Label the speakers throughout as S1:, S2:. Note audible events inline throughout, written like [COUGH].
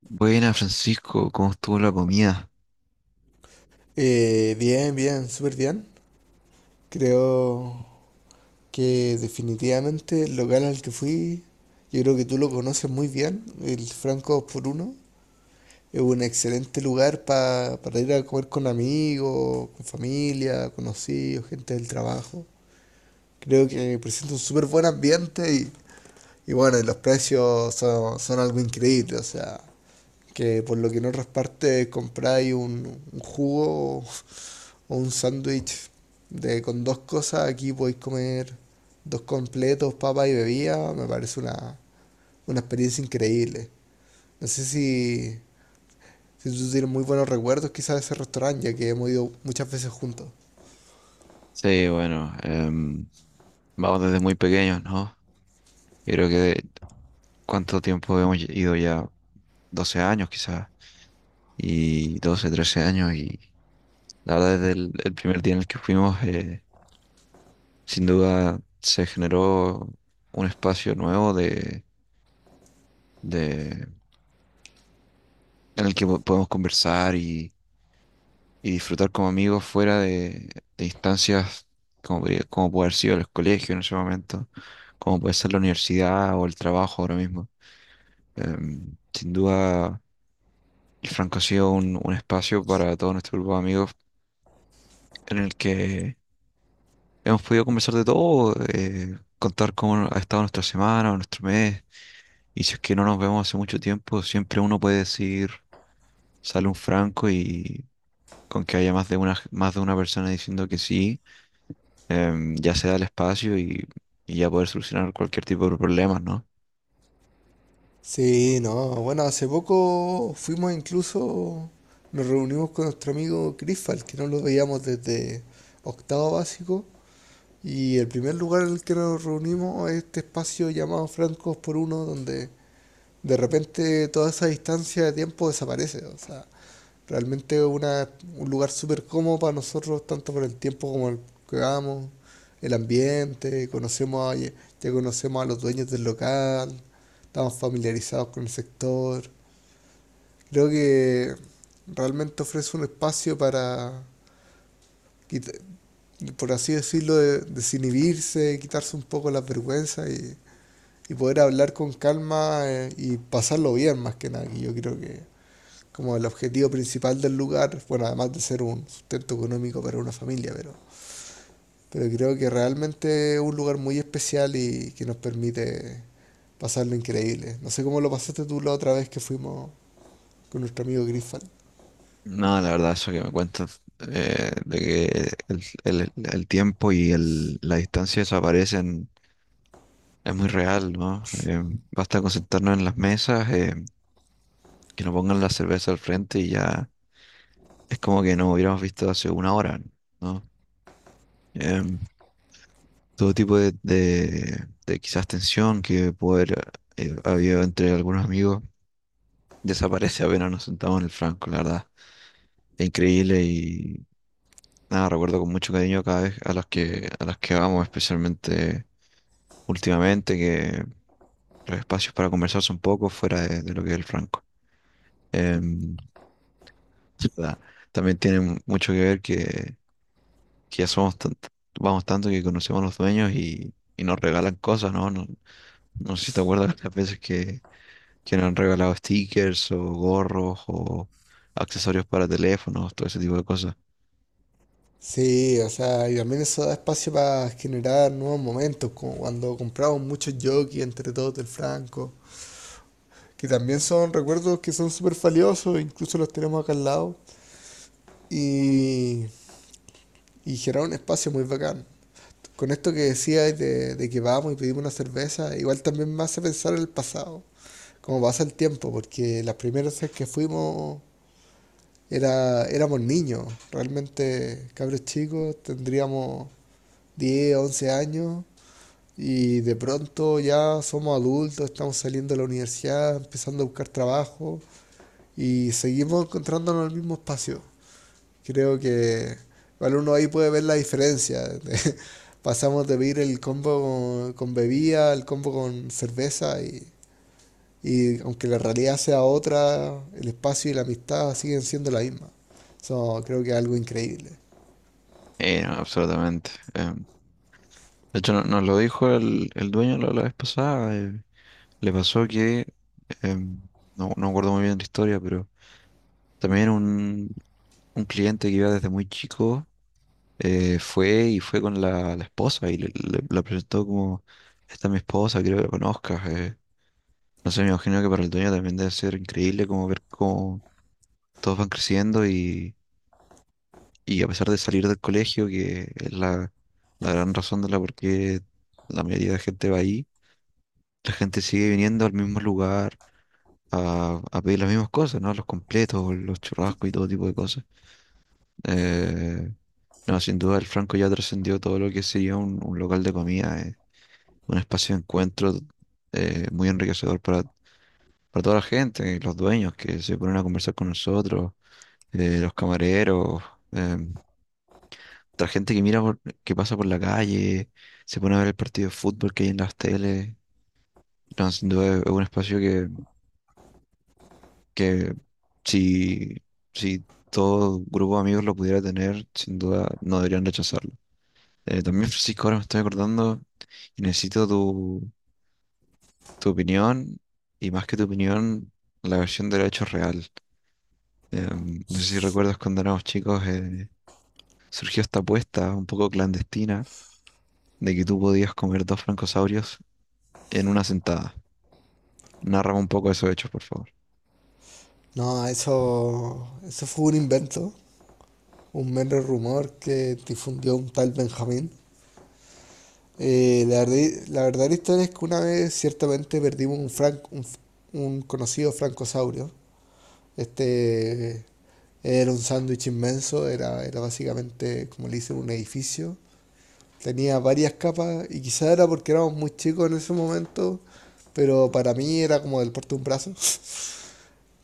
S1: Buena, Francisco, ¿cómo estuvo la comida?
S2: Bien, bien, súper bien. Creo que definitivamente el local al que fui, yo creo que tú lo conoces muy bien, el Franco 2 por uno, es un excelente lugar para ir a comer con amigos, con familia, conocidos, gente del trabajo. Creo que presenta un súper buen ambiente y bueno, y los precios son, son algo increíble, o sea, que por lo que en otras partes compráis un jugo o, un sándwich de con dos cosas, aquí podéis comer dos completos, papas y bebida, me parece una experiencia increíble. No sé si, si tú tienes muy buenos recuerdos quizás de ese restaurante, ya que hemos ido muchas veces juntos.
S1: Sí, bueno, vamos desde muy pequeños, ¿no? Yo creo que cuánto tiempo hemos ido ya, 12 años quizás, y 12 13 años. Y la verdad, desde el primer día en el que fuimos, sin duda se generó un espacio nuevo de, en el que podemos conversar y disfrutar como amigos fuera de instancias como, como puede haber sido el colegio en ese momento, como puede ser la universidad o el trabajo ahora mismo. Sin duda, el Franco ha sido un espacio para todo nuestro grupo de amigos en el que hemos podido conversar de todo, contar cómo ha estado nuestra semana o nuestro mes. Y si es que no nos vemos hace mucho tiempo, siempre uno puede decir, sale un Franco, y con que haya más de una persona diciendo que sí, ya se da el espacio y ya poder solucionar cualquier tipo de problemas, ¿no?
S2: Sí, no, bueno, hace poco fuimos incluso, nos reunimos con nuestro amigo Crisfal, que no lo veíamos desde octavo básico. Y el primer lugar en el que nos reunimos es este espacio llamado Francos por Uno, donde de repente toda esa distancia de tiempo desaparece. O sea, realmente una, un lugar súper cómodo para nosotros, tanto por el tiempo como el que vamos, el ambiente, ya conocemos a los dueños del local, estamos familiarizados con el sector. Creo que realmente ofrece un espacio para, quita- por así decirlo, desinhibirse, quitarse un poco las vergüenzas y poder hablar con calma y pasarlo bien más que nada, que yo creo que como el objetivo principal del lugar, bueno, además de ser un sustento económico para una familia, pero creo que realmente es un lugar muy especial y que nos permite pasarlo increíble. No sé cómo lo pasaste tú la otra vez que fuimos con nuestro amigo Griffal.
S1: No, la verdad, eso que me cuentas, de que el tiempo y la distancia desaparecen es muy real, ¿no? Basta con sentarnos en las mesas, que nos pongan la cerveza al frente, y ya es como que nos hubiéramos visto hace una hora, ¿no? Em, Todo tipo de, de quizás tensión que puede haber habido entre algunos amigos desaparece apenas nos sentamos en el franco, la verdad. Increíble. Y nada, recuerdo con mucho cariño cada vez a las que vamos, especialmente últimamente, que los espacios para conversar son pocos fuera de lo que es el Franco. Em, sí, nada, también tiene mucho que ver que ya somos vamos tanto que conocemos a los dueños y nos regalan cosas, ¿no? No, no sé si te acuerdas las veces que nos han regalado stickers o gorros o accesorios para teléfonos, todo ese tipo de cosas.
S2: Sí, o sea, y también eso da espacio para generar nuevos momentos, como cuando compramos muchos jockeys entre todos del Franco, que también son recuerdos que son súper valiosos, incluso los tenemos acá al lado, y, y generar un espacio muy bacán. Con esto que decías de que vamos y pedimos una cerveza, igual también me hace pensar en el pasado, cómo pasa el tiempo, porque las primeras veces que fuimos era, éramos niños, realmente cabros chicos, tendríamos 10 11 años, y de pronto ya somos adultos, estamos saliendo de la universidad, empezando a buscar trabajo y seguimos encontrándonos en el mismo espacio. Creo que igual uno ahí puede ver la diferencia. [LAUGHS] Pasamos de pedir el combo con bebida, el combo con cerveza y aunque la realidad sea otra, el espacio y la amistad siguen siendo la misma. Eso creo que es algo increíble.
S1: No, absolutamente. De hecho, nos lo dijo el dueño la vez pasada. Le pasó que, em, no, no me acuerdo muy bien la historia, pero también un cliente que iba desde muy chico, fue y fue con la esposa y la presentó como, esta es mi esposa, quiero que la conozcas. No sé, me imagino que para el dueño también debe ser increíble como ver cómo todos van creciendo y, a pesar de salir del colegio, que es la gran razón de la por qué la mayoría de gente va ahí. La gente sigue viniendo al mismo lugar, a pedir las mismas cosas, ¿no? Los completos, los churrascos y todo tipo de cosas. Eh, no, sin duda el Franco ya trascendió todo lo que sería un local de comida, un espacio de encuentro muy enriquecedor para toda la gente, y los dueños que se ponen a conversar con nosotros, los camareros, em, la gente que mira que pasa por la calle, se pone a ver el partido de fútbol que hay en las teles. No, sin duda es un espacio que si, si todo grupo de amigos lo pudiera tener, sin duda no deberían rechazarlo. También, [LAUGHS] Francisco, ahora me estoy acordando y necesito tu opinión, y más que tu opinión, la versión del hecho real. No sé si recuerdas cuando éramos chicos, surgió esta apuesta un poco clandestina de que tú podías comer dos francosaurios en una sentada. Narra un poco esos hechos, por favor.
S2: No, eso fue un invento, un mero rumor que difundió un tal Benjamín. Eh, la verdad, la verdad historia es que una vez ciertamente perdimos un conocido francosaurio. Este era un sándwich inmenso, era, era básicamente, como le dicen, un edificio. Tenía varias capas y quizá era porque éramos muy chicos en ese momento, pero para mí era como del porte de un brazo.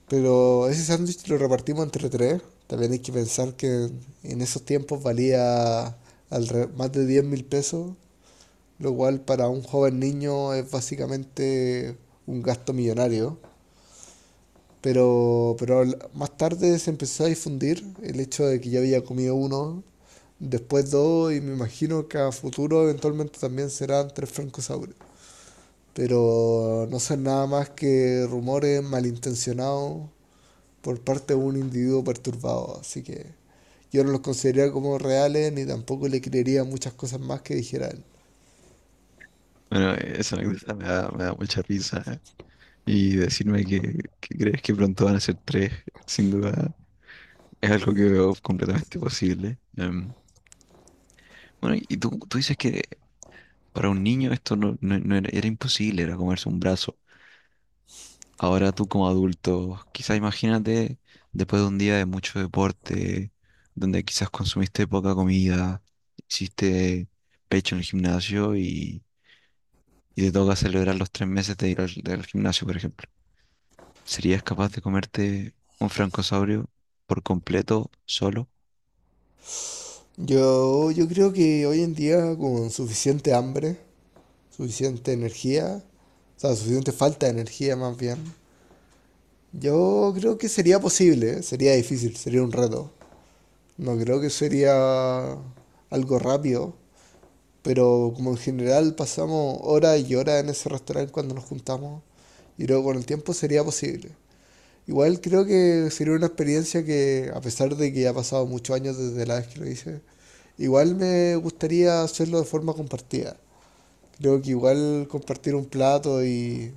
S2: Pero ese sándwich lo repartimos entre tres. También hay que pensar que en, esos tiempos valía más de 10.000 pesos, lo cual para un joven niño es básicamente un gasto millonario. Pero más tarde se empezó a difundir el hecho de que ya había comido uno, después dos, y me imagino que a futuro eventualmente también serán tres francosaurios. Pero no son nada más que rumores malintencionados por parte de un individuo perturbado, así que yo no los consideraría como reales ni tampoco le creería muchas cosas más que dijera él.
S1: Bueno, esa anécdota me da mucha risa. Y decirme que crees que pronto van a ser tres, sin duda, es algo que veo completamente posible. Bueno, y tú dices que para un niño esto no era, imposible, era comerse un brazo. Ahora tú como adulto, quizás imagínate después de un día de mucho deporte, donde quizás consumiste poca comida, hiciste pecho en el gimnasio y te toca celebrar los 3 meses de ir al del gimnasio, por ejemplo. ¿Serías capaz de comerte un francosaurio por completo solo?
S2: Yo creo que hoy en día con suficiente hambre, suficiente energía, o sea, suficiente falta de energía más bien, yo creo que sería posible, ¿eh? Sería difícil, sería un reto. No creo que sería algo rápido, pero como en general pasamos horas y horas en ese restaurante cuando nos juntamos, y luego con el tiempo sería posible. Igual creo que sería una experiencia que, a pesar de que ya ha pasado muchos años desde la vez que lo hice, igual me gustaría hacerlo de forma compartida. Creo que igual compartir un plato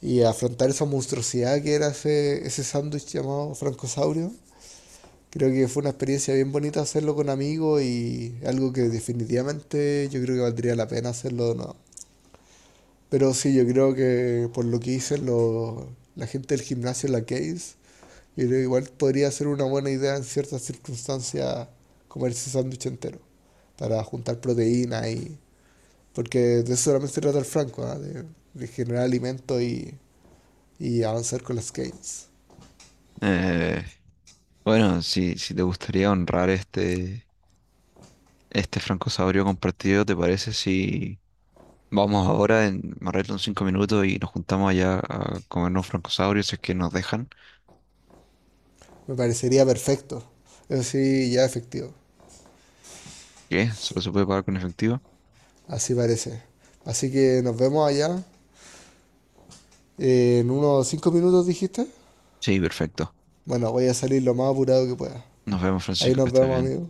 S2: y afrontar esa monstruosidad que era ese, ese sándwich llamado francosaurio, creo que fue una experiencia bien bonita hacerlo con amigos y algo que definitivamente yo creo que valdría la pena hacerlo de nuevo. Pero sí, yo creo que por lo que hice lo- la gente del gimnasio La Case, yo creo que igual podría ser una buena idea en ciertas circunstancias comerse sándwich entero para juntar proteína y... Porque de eso solamente se trata el Franco, ¿ah? De generar alimento y avanzar con las gains.
S1: Eh, bueno, si te gustaría honrar este francosaurio compartido, ¿te parece si vamos ahora, en me arreglo en 5 minutos y nos juntamos allá a comernos francosaurios si es que nos dejan?
S2: Me parecería perfecto. Eso sí, ya efectivo.
S1: ¿Qué? ¿Solo se puede pagar con efectivo?
S2: Así parece. Así que nos vemos allá. En unos 5 minutos dijiste.
S1: Sí, perfecto.
S2: Bueno, voy a salir lo más apurado que pueda.
S1: Nos vemos,
S2: Ahí
S1: Francisco, que
S2: nos
S1: estés
S2: vemos,
S1: bien.
S2: amigos.